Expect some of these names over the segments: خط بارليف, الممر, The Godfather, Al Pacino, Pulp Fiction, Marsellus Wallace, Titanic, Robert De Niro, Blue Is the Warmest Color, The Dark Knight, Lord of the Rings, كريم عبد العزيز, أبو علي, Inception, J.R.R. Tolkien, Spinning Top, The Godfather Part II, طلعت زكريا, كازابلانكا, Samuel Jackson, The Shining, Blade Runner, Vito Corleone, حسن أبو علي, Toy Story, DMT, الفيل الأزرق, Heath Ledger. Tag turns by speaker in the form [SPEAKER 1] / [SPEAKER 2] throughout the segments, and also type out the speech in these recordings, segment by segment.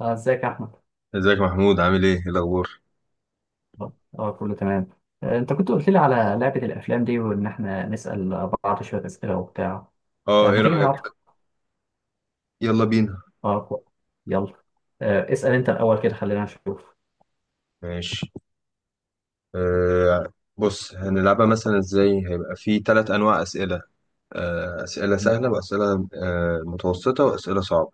[SPEAKER 1] اه ازيك يا احمد.
[SPEAKER 2] ازيك يا محمود، عامل ايه؟ ايه الاخبار؟
[SPEAKER 1] اه. كله تمام. انت كنت قلت لي على لعبة الافلام دي وان احنا نسأل بعض شوية اسئلة وبتاع.
[SPEAKER 2] اه ايه
[SPEAKER 1] فما تيجي
[SPEAKER 2] رأيك؟
[SPEAKER 1] نلعب؟
[SPEAKER 2] يلا بينا.
[SPEAKER 1] آه، كو- يلا. اسأل انت الاول كده خلينا نشوف.
[SPEAKER 2] ماشي. بص، هنلعبها مثلا ازاي؟ هيبقى في ثلاث انواع اسئله. اسئله
[SPEAKER 1] مم.
[SPEAKER 2] سهله، واسئله متوسطه، واسئله صعبه.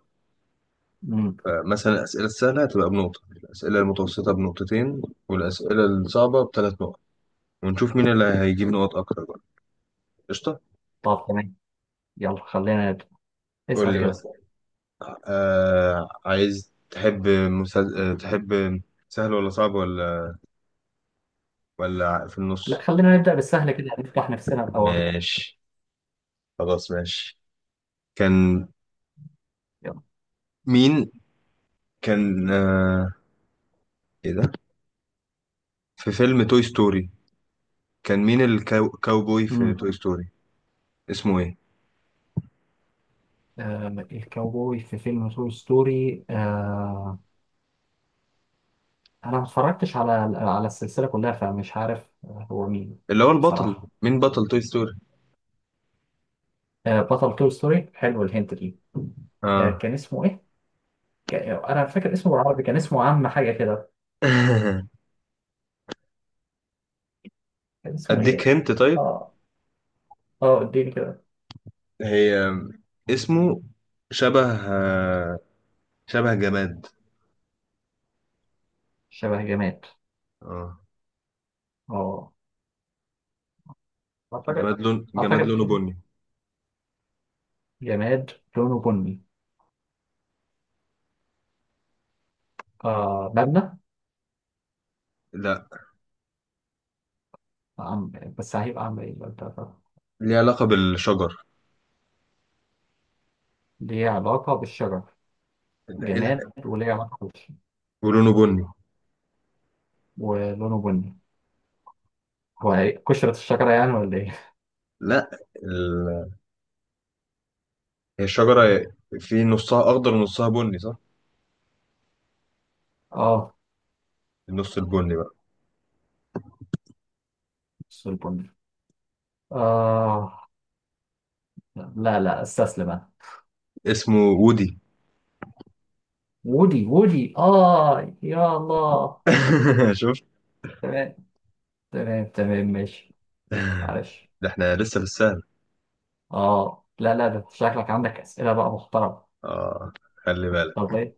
[SPEAKER 1] مم.
[SPEAKER 2] فمثلا الاسئله السهله هتبقى بنقطه، الاسئله المتوسطه بنقطتين، والاسئله الصعبه بثلاث نقط. ونشوف مين اللي هيجيب نقط اكتر بقى. قشطه.
[SPEAKER 1] طب تمام. يلا خلينا نبدأ.
[SPEAKER 2] قول
[SPEAKER 1] اسأل
[SPEAKER 2] لي
[SPEAKER 1] كده.
[SPEAKER 2] مثلا عايز تحب مسل... آه، تحب سهل، ولا صعب، ولا ولا في
[SPEAKER 1] لا
[SPEAKER 2] النص؟
[SPEAKER 1] خلينا نبدأ بالسهل كده نفتح نفسنا الاول.
[SPEAKER 2] ماشي، خلاص ماشي. كان
[SPEAKER 1] يلا.
[SPEAKER 2] مين؟ كان آه... ايه ده في فيلم توي ستوري، كان مين الكاوبوي في
[SPEAKER 1] امم
[SPEAKER 2] توي ستوري؟ اسمه ايه؟
[SPEAKER 1] آه الكاوبوي في فيلم توي ستوري. آه انا ما اتفرجتش على على السلسلة كلها فمش عارف هو مين.
[SPEAKER 2] اللي هو البطل،
[SPEAKER 1] بصراحة.
[SPEAKER 2] مين بطل توي ستوري؟
[SPEAKER 1] بطل توي ستوري حلو الهنت دي.
[SPEAKER 2] اه
[SPEAKER 1] كان اسمه ايه؟ انا فاكر اسمه بالعربي كان اسمه عم حاجه كده. كان اسمه
[SPEAKER 2] اديك
[SPEAKER 1] ايه؟
[SPEAKER 2] هنت طيب.
[SPEAKER 1] اه. اه اديني كده.
[SPEAKER 2] هي اسمه شبه شبه جماد.
[SPEAKER 1] شبه جماد.
[SPEAKER 2] اه
[SPEAKER 1] اه. اعتقد.
[SPEAKER 2] جماد، جماد
[SPEAKER 1] اعتقد
[SPEAKER 2] لونه بني.
[SPEAKER 1] جماد لونه بني. آه مبنى.
[SPEAKER 2] لا،
[SPEAKER 1] عم... بس هيبقى عم ايه بقى ده؟
[SPEAKER 2] ليه علاقة بالشجر.
[SPEAKER 1] ليه علاقه بالشجر.
[SPEAKER 2] لا، إيه
[SPEAKER 1] جماد
[SPEAKER 2] الح-
[SPEAKER 1] وليه علاقه بالشجر.
[SPEAKER 2] ولونه بني.
[SPEAKER 1] ولونه بني. قشرة الشجرة يعني ولا ايه؟
[SPEAKER 2] لا، ال... هي الشجرة في نصها أخضر ونصها بني صح؟
[SPEAKER 1] اه
[SPEAKER 2] النص البني بقى.
[SPEAKER 1] بص البني. اه. لا لا استسلم انا.
[SPEAKER 2] اسمه وودي.
[SPEAKER 1] وودي. وودي اه يا الله.
[SPEAKER 2] شفت؟
[SPEAKER 1] تمام. تمام تمام ماشي. معلش.
[SPEAKER 2] ده احنا لسه في السهل.
[SPEAKER 1] اه. لا لا ده شكلك عندك اسئله بقى محترمه.
[SPEAKER 2] اه خلي
[SPEAKER 1] طب
[SPEAKER 2] بالك.
[SPEAKER 1] ايه.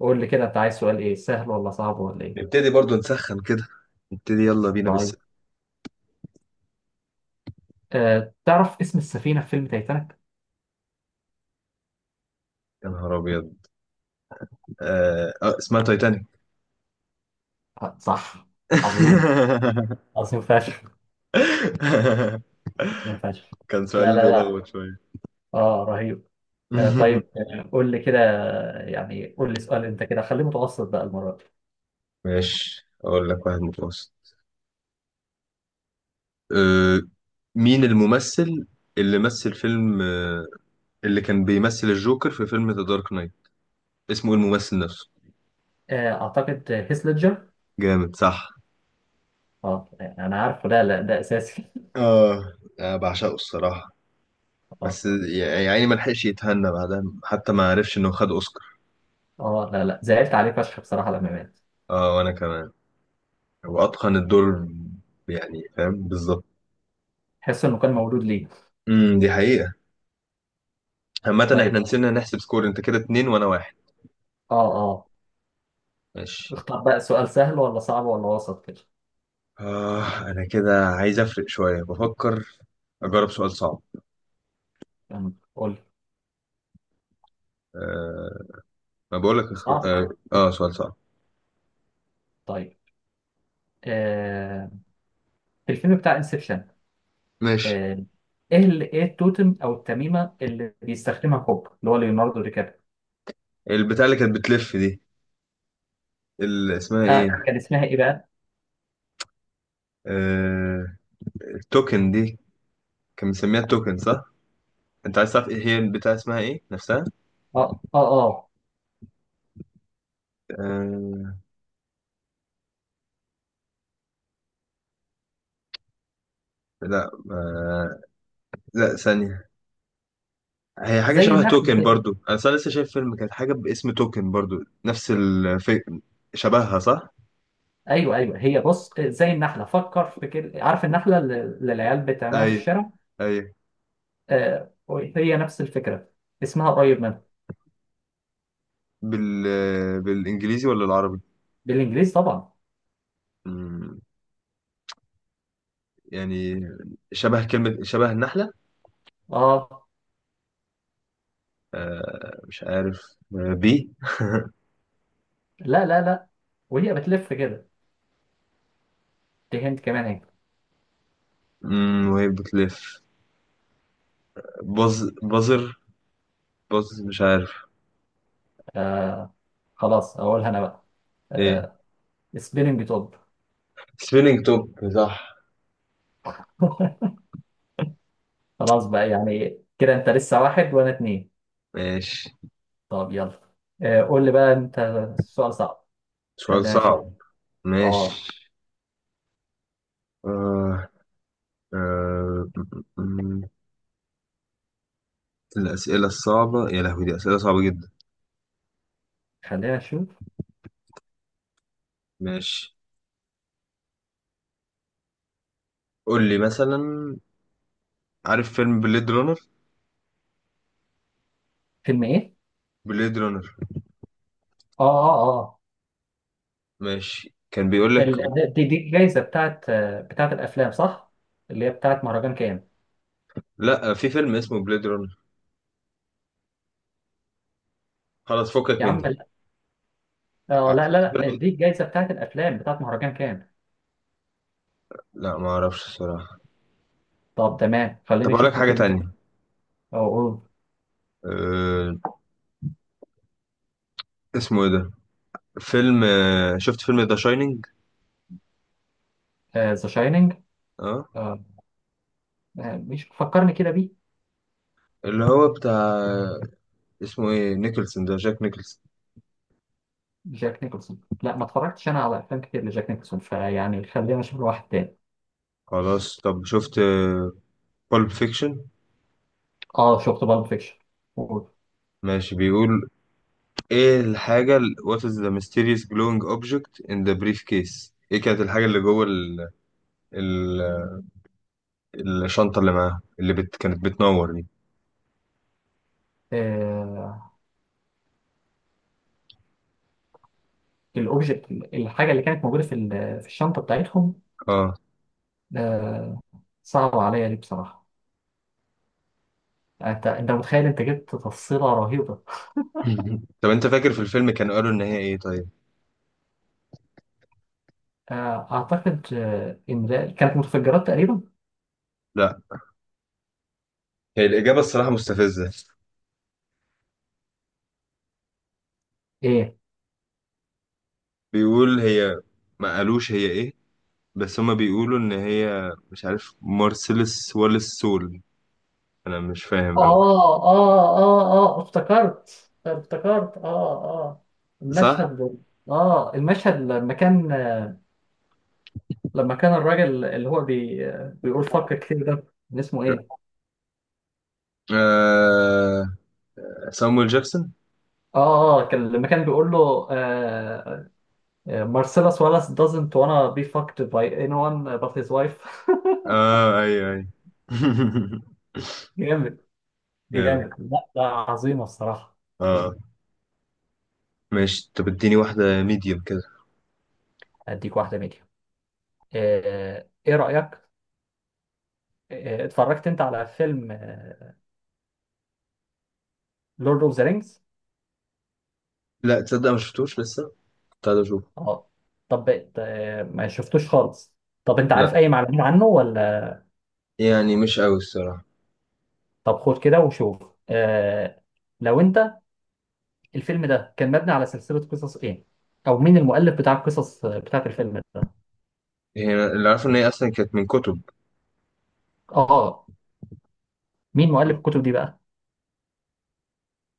[SPEAKER 1] قول لي كده انت عايز سؤال ايه سهل ولا صعب ولا ايه.
[SPEAKER 2] نبتدي برضو نسخن كده، نبتدي يلا بينا بس.
[SPEAKER 1] طيب. تعرف اسم السفينه في فيلم تايتانيك؟
[SPEAKER 2] يا نهار ابيض. آه. اه اسمها تايتانيك.
[SPEAKER 1] آه صح. عظيم. عظيم فشخ. عظيم فشخ.
[SPEAKER 2] كان
[SPEAKER 1] لا
[SPEAKER 2] سؤال
[SPEAKER 1] لا لا.
[SPEAKER 2] بيلخبط شوية.
[SPEAKER 1] اه رهيب. طيب قول لي كده، يعني قول لي سؤال انت كده خليه متوسط بقى المره دي.
[SPEAKER 2] ماشي، اقول لك واحد متوسط. آه. مين الممثل اللي مثل فيلم آه. اللي كان بيمثل الجوكر في فيلم ذا دارك نايت؟ اسمه إيه الممثل نفسه؟
[SPEAKER 1] آه اعتقد هيث ليدجر.
[SPEAKER 2] جامد صح.
[SPEAKER 1] اه يعني انا عارفه لا لا ده اساسي.
[SPEAKER 2] اه انا بعشقه الصراحة، بس يعني ما لحقش يتهنى بعدها، حتى ما عرفش انه خد اوسكار.
[SPEAKER 1] اه لا لا زعلت عليه فشخ بصراحة لما مات.
[SPEAKER 2] اه وانا كمان.
[SPEAKER 1] آه.
[SPEAKER 2] واتقن الدور، يعني فاهم بالظبط.
[SPEAKER 1] تحس انه كان مولود ليه.
[SPEAKER 2] دي حقيقة. عامة احنا
[SPEAKER 1] طيب.
[SPEAKER 2] نسينا نحسب سكور، انت كده اتنين وانا واحد.
[SPEAKER 1] اه اه.
[SPEAKER 2] ماشي.
[SPEAKER 1] اختار بقى سؤال سهل ولا صعب ولا وسط كده.
[SPEAKER 2] اه انا كده عايز افرق شوية، بفكر اجرب سؤال صعب.
[SPEAKER 1] يعني قول لي.
[SPEAKER 2] آه ما بقولك اخ...
[SPEAKER 1] صعب.
[SPEAKER 2] آه, اه سؤال صعب.
[SPEAKER 1] طيب. آه. في الفيلم بتاع انسبشن.
[SPEAKER 2] ماشي.
[SPEAKER 1] آه. ايه التوتم او التميمة اللي بيستخدمها كوب اللي هو ليوناردو دي كابريو.
[SPEAKER 2] البتاع اللي كانت بتلف دي، اللي اسمها
[SPEAKER 1] آه.
[SPEAKER 2] ايه؟
[SPEAKER 1] كان اسمها ايه بقى.
[SPEAKER 2] آه التوكن دي، كان مسميها التوكن صح؟ انت عايز تعرف ايه هي البتاع اسمها ايه نفسها؟
[SPEAKER 1] اه اه اه
[SPEAKER 2] آه لا لا ثانية. هي حاجة
[SPEAKER 1] زي
[SPEAKER 2] شبه
[SPEAKER 1] النحلة
[SPEAKER 2] توكن
[SPEAKER 1] كده.
[SPEAKER 2] برضو، أنا أصلا لسه شايف فيلم، كانت حاجة باسم توكن برضو. نفس الفي... شبهها صح؟
[SPEAKER 1] ايوه ايوه هي بص، زي النحلة فكر في كده، عارف النحلة اللي العيال بتعملها في
[SPEAKER 2] أيوة
[SPEAKER 1] الشارع.
[SPEAKER 2] أيوة.
[SPEAKER 1] آه. هي نفس الفكرة. اسمها قريب.
[SPEAKER 2] بال... بالإنجليزي ولا العربي؟
[SPEAKER 1] بالانجليزي طبعا.
[SPEAKER 2] مم، يعني شبه كلمة، شبه النحلة.
[SPEAKER 1] اه
[SPEAKER 2] آه مش عارف. آه بي.
[SPEAKER 1] لا لا لا. وهي بتلف كده. دي هند كمان اهي.
[SPEAKER 2] مم، وهي بتلف. بز، بزر، بز مش عارف.
[SPEAKER 1] آه. خلاص اقولها انا بقى.
[SPEAKER 2] إيه؟
[SPEAKER 1] آه. سبيلنج توب.
[SPEAKER 2] سبيلينج توب صح.
[SPEAKER 1] خلاص بقى يعني كده انت لسه واحد وانا اتنين.
[SPEAKER 2] ماشي.
[SPEAKER 1] طب يلا. قول لي بقى انت. سؤال صعب.
[SPEAKER 2] سؤال
[SPEAKER 1] خلينا
[SPEAKER 2] صعب.
[SPEAKER 1] نشوف.
[SPEAKER 2] ماشي.
[SPEAKER 1] اه.
[SPEAKER 2] آه. آه، م- م- الأسئلة الصعبة يا لهوي، دي أسئلة صعبة جدا.
[SPEAKER 1] خلينا نشوف.
[SPEAKER 2] ماشي. قول لي مثلا، عارف فيلم بليد رانر؟
[SPEAKER 1] فيلم ايه.
[SPEAKER 2] بليد رانر.
[SPEAKER 1] اه اه اه.
[SPEAKER 2] ماشي، كان بيقول لك
[SPEAKER 1] ال... ده- دي دي الجايزه بتاعت، بتاعت الافلام صح؟ اللي هي بتاعت مهرجان كام.
[SPEAKER 2] لا، في فيلم اسمه بليد رانر. خلاص فكك
[SPEAKER 1] يا
[SPEAKER 2] من
[SPEAKER 1] عم
[SPEAKER 2] دي.
[SPEAKER 1] لا. آه
[SPEAKER 2] ع-
[SPEAKER 1] لا
[SPEAKER 2] شفت
[SPEAKER 1] لا لا،
[SPEAKER 2] فيلم؟
[SPEAKER 1] دي الجايزه بتاعت الافلام بتاعت مهرجان كام.
[SPEAKER 2] لا ما اعرفش الصراحة.
[SPEAKER 1] طب تمام خليني
[SPEAKER 2] طب اقول لك
[SPEAKER 1] اشوف لي
[SPEAKER 2] حاجة
[SPEAKER 1] فيلم
[SPEAKER 2] تانية.
[SPEAKER 1] تاني. او اقول.
[SPEAKER 2] أه... اسمه ايه ده؟ فيلم، شفت فيلم ذا شاينينج؟
[SPEAKER 1] ذا شايننج.
[SPEAKER 2] اه.
[SPEAKER 1] مش فكرني كده بيه.
[SPEAKER 2] اللي هو بتاع اسمه ايه، نيكلسون ده، جاك نيكلسون.
[SPEAKER 1] جاك نيكلسون لا ما اتفرجتش انا على افلام كتير لجاك نيكلسون فيعني خلينا اشوف له واحد تاني.
[SPEAKER 2] خلاص، طب شفت بالب فيكشن؟
[SPEAKER 1] اه شفت بالب فيكشن.
[SPEAKER 2] ماشي، بيقول ايه الحاجة ال- what is the mysterious glowing object in the briefcase. ايه كانت الحاجة اللي جوه ال... الشنطة اللي معاها، اللي كانت بتنور دي؟
[SPEAKER 1] آه الاوبجكت الحاجه اللي كانت موجوده في الشنطه بتاعتهم.
[SPEAKER 2] اه
[SPEAKER 1] آه. صعبه عليا دي بصراحه. انت متخيل انت جبت تفصيله رهيبه.
[SPEAKER 2] طب انت فاكر في الفيلم كانوا قالوا ان هي ايه؟ طيب
[SPEAKER 1] آه اعتقد آه ان ده كانت متفجرات تقريبا.
[SPEAKER 2] لا، هي الإجابة الصراحة مستفزة.
[SPEAKER 1] ايه.
[SPEAKER 2] بيقول هي، ما قالوش هي ايه، بس هما بيقولوا ان هي مش عارف مارسيلس واليس سول. انا مش
[SPEAKER 1] اه
[SPEAKER 2] فاهم قوي.
[SPEAKER 1] اه اه اه، افتكرت اه اه
[SPEAKER 2] صح.
[SPEAKER 1] المشهد. اه المشهد لما كان الراجل اللي هو بي بيقول فكر كتير ده كان اسمه ايه؟
[SPEAKER 2] آه... سامويل جاكسون.
[SPEAKER 1] اه اه، كان لما كان بيقول له آه، مارسيلوس ولاس doesn't wanna be fucked by anyone but his wife.
[SPEAKER 2] اه ايوه ايوه.
[SPEAKER 1] جامد.
[SPEAKER 2] جامد.
[SPEAKER 1] جامد لا لا عظيمة الصراحة.
[SPEAKER 2] اه ماشي، طب اديني واحدة ميديوم كده.
[SPEAKER 1] اديك واحدة ميديا. آه ايه رأيك؟ اتفرجت انت على فيلم لورد اوف ذا رينجز؟
[SPEAKER 2] لا تصدق، ما شفتوش لسه، كنت عايز اشوفه.
[SPEAKER 1] اه طب بقت، ما شفتوش خالص. طب انت
[SPEAKER 2] لا
[SPEAKER 1] عارف اي معلومات عنه ولا.
[SPEAKER 2] يعني مش قوي الصراحة.
[SPEAKER 1] طب خد كده وشوف. آه. لو انت الفيلم ده كان مبني على سلسلة قصص ايه، او مين المؤلف بتاع القصص بتاعت الفيلم ده.
[SPEAKER 2] هي أنا اللي عارفه ان هي اصلا كانت من كتب.
[SPEAKER 1] اه مين مؤلف الكتب دي بقى.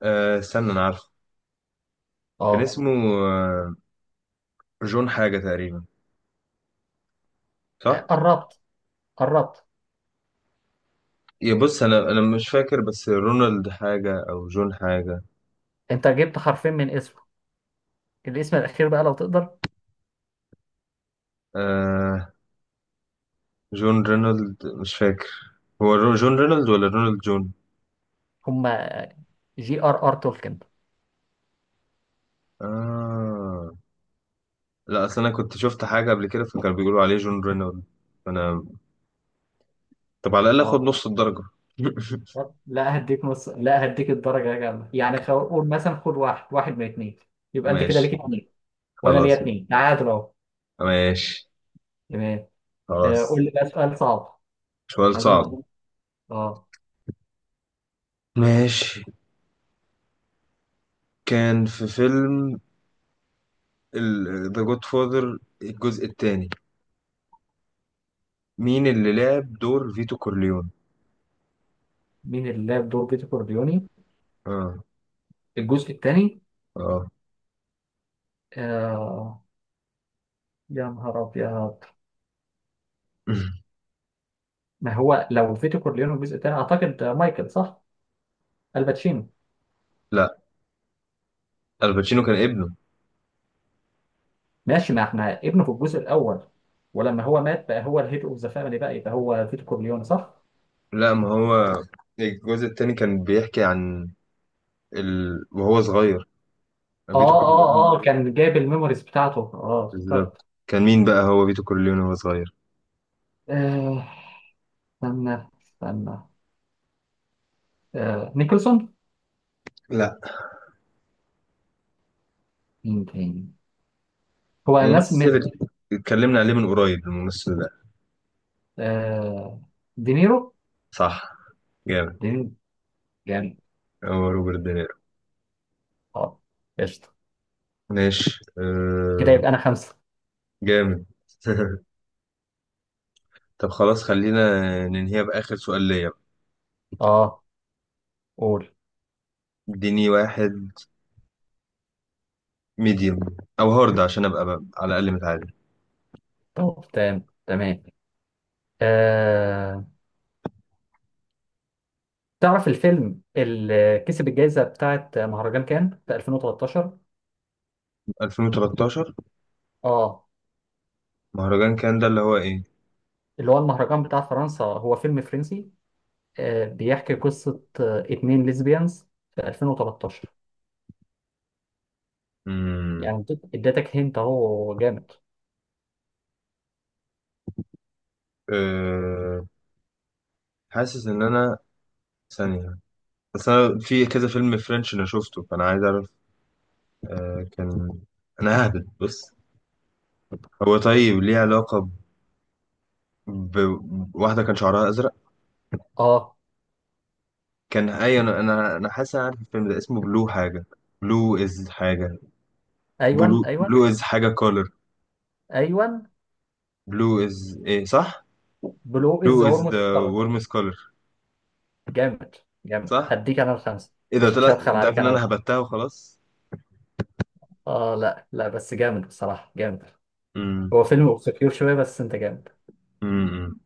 [SPEAKER 2] آه استنى انا عارفه. كان
[SPEAKER 1] اه
[SPEAKER 2] اسمه آه جون حاجة تقريبا، صح؟
[SPEAKER 1] قربت. قربت.
[SPEAKER 2] يا بص انا مش فاكر، بس رونالد حاجة او جون حاجة.
[SPEAKER 1] انت جبت حرفين من اسمه. الاسم الاخير بقى لو تقدر.
[SPEAKER 2] آه جون رينولد مش فاكر. هو رو- جون رينولد ولا رونالد جون؟
[SPEAKER 1] هما جي ار ار تولكن.
[SPEAKER 2] آه لا اصل انا كنت شفت حاجة قبل كده، فكانوا بيقولوا عليه جون رينولد، فانا طب على الأقل
[SPEAKER 1] اه.
[SPEAKER 2] آخد نص الدرجة.
[SPEAKER 1] طب لا هديك نص، لا هديك الدرجة كاملة يعني قول مثلا خد واحد واحد من اتنين. يبقى انت كده
[SPEAKER 2] ماشي.
[SPEAKER 1] ليك اتنين. وانا
[SPEAKER 2] خلاص،
[SPEAKER 1] ليا اتنين تعادل اهو.
[SPEAKER 2] ماشي
[SPEAKER 1] تمام.
[SPEAKER 2] خلاص.
[SPEAKER 1] قول لي بقى سؤال صعب.
[SPEAKER 2] سؤال
[SPEAKER 1] عايزين
[SPEAKER 2] صعب.
[SPEAKER 1] نح- اه.
[SPEAKER 2] ماشي. كان في فيلم ال- The Godfather الجزء الثاني، مين اللي لعب دور فيتو كورليون؟
[SPEAKER 1] مين اللي لعب دور بيتو كورليوني
[SPEAKER 2] اه
[SPEAKER 1] الجزء الثاني؟
[SPEAKER 2] اه
[SPEAKER 1] آه... يا نهار ابيض. ما هو لو فيتو كورليوني الجزء الثاني اعتقد مايكل صح. الباتشينو.
[SPEAKER 2] لا، الباتشينو كان ابنه.
[SPEAKER 1] ماشي ما احنا ابنه في الجزء الاول. ولما هو مات بقى هو الهيد اوف ذا فاميلي بقى يبقى هو فيتو كورليوني صح؟
[SPEAKER 2] لا، ما هو الجزء الثاني كان بيحكي عن ال... وهو صغير.
[SPEAKER 1] اه
[SPEAKER 2] فيتو
[SPEAKER 1] اه اه
[SPEAKER 2] كورليون
[SPEAKER 1] كان جايب الميموريز بتاعته اه افتكرت.
[SPEAKER 2] بالظبط، كان مين بقى هو فيتو كورليون وهو صغير؟
[SPEAKER 1] آه، استنى استنى، نيكلسون.
[SPEAKER 2] لا،
[SPEAKER 1] مين تاني. هو ناس من،
[SPEAKER 2] ممثل اتكلمنا عليه من قريب، الممثل.
[SPEAKER 1] آه، دينيرو.
[SPEAKER 2] صح. جامد.
[SPEAKER 1] دينيرو جامد.
[SPEAKER 2] هو روبرت دينيرو.
[SPEAKER 1] اه قشطة.
[SPEAKER 2] ماشي
[SPEAKER 1] كده
[SPEAKER 2] أه.
[SPEAKER 1] يبقى انا خمسة.
[SPEAKER 2] جامد. طب خلاص، خلينا ننهيها بآخر سؤال ليا.
[SPEAKER 1] اه قول.
[SPEAKER 2] اديني واحد ميديوم او هارد عشان ابقى بقى على الاقل متعادل.
[SPEAKER 1] طب تمام تمام. آه، تعرف الفيلم اللي كسب الجائزة بتاعت مهرجان كان في 2013؟
[SPEAKER 2] 2013.
[SPEAKER 1] اه.
[SPEAKER 2] مهرجان كان ده اللي هو ايه؟
[SPEAKER 1] اللي هو المهرجان بتاع فرنسا، هو فيلم فرنسي، بيحكي قصة اتنين ليزبيانز في 2013
[SPEAKER 2] امم
[SPEAKER 1] يعني. اديتك هنت اهو جامد.
[SPEAKER 2] أه. حاسس ان انا ثانية، بس انا في كذا فيلم فرنش انا شفته، فانا عايز اعرف. أه كان، انا ههبد بص. هو طيب ليه علاقة ب- بواحدة كان شعرها ازرق؟
[SPEAKER 1] اه
[SPEAKER 2] كان اي، انا حاسس أنا عارف الفيلم ده، اسمه بلو حاجه. بلو از حاجه.
[SPEAKER 1] ايوه ايوه.
[SPEAKER 2] بلو از حاجه كولر.
[SPEAKER 1] ايوه.
[SPEAKER 2] بلو از ايه؟ صح.
[SPEAKER 1] بلو
[SPEAKER 2] بلو
[SPEAKER 1] از ذا
[SPEAKER 2] از
[SPEAKER 1] ورم
[SPEAKER 2] ذا
[SPEAKER 1] كولر.
[SPEAKER 2] warmest color.
[SPEAKER 1] جامد. جامد
[SPEAKER 2] صح.
[SPEAKER 1] هديك انا الخمسه
[SPEAKER 2] ايه ده، طلع
[SPEAKER 1] مش هبخل
[SPEAKER 2] انت عارف
[SPEAKER 1] عليك
[SPEAKER 2] ان
[SPEAKER 1] انا
[SPEAKER 2] انا
[SPEAKER 1] بقى.
[SPEAKER 2] هبتها وخلاص.
[SPEAKER 1] اه لا لا بس جامد بصراحه. جامد.
[SPEAKER 2] امم.
[SPEAKER 1] هو فيلم اوبسكيور شويه بس انت جامد.
[SPEAKER 2] امم.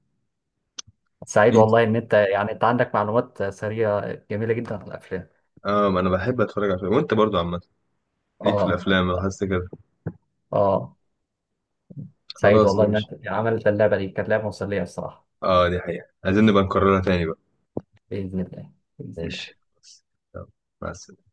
[SPEAKER 1] سعيد
[SPEAKER 2] انت
[SPEAKER 1] والله ان انت يعني انت عندك معلومات سريعه جميله جدا عن الافلام.
[SPEAKER 2] اه، ما انا بحب اتفرج على الفيلم، وانت برضو عامه ليك في
[SPEAKER 1] اه
[SPEAKER 2] الافلام، لاحظت كده.
[SPEAKER 1] اه. سعيد
[SPEAKER 2] خلاص
[SPEAKER 1] والله ان
[SPEAKER 2] ماشي.
[SPEAKER 1] انت عملت اللعبه دي. كانت لعبه مسليه بصراحه.
[SPEAKER 2] اه دي حقيقه، عايزين نبقى نكررها تاني بقى.
[SPEAKER 1] باذن الله. باذن الله.
[SPEAKER 2] ماشي. يلا، مع السلامه.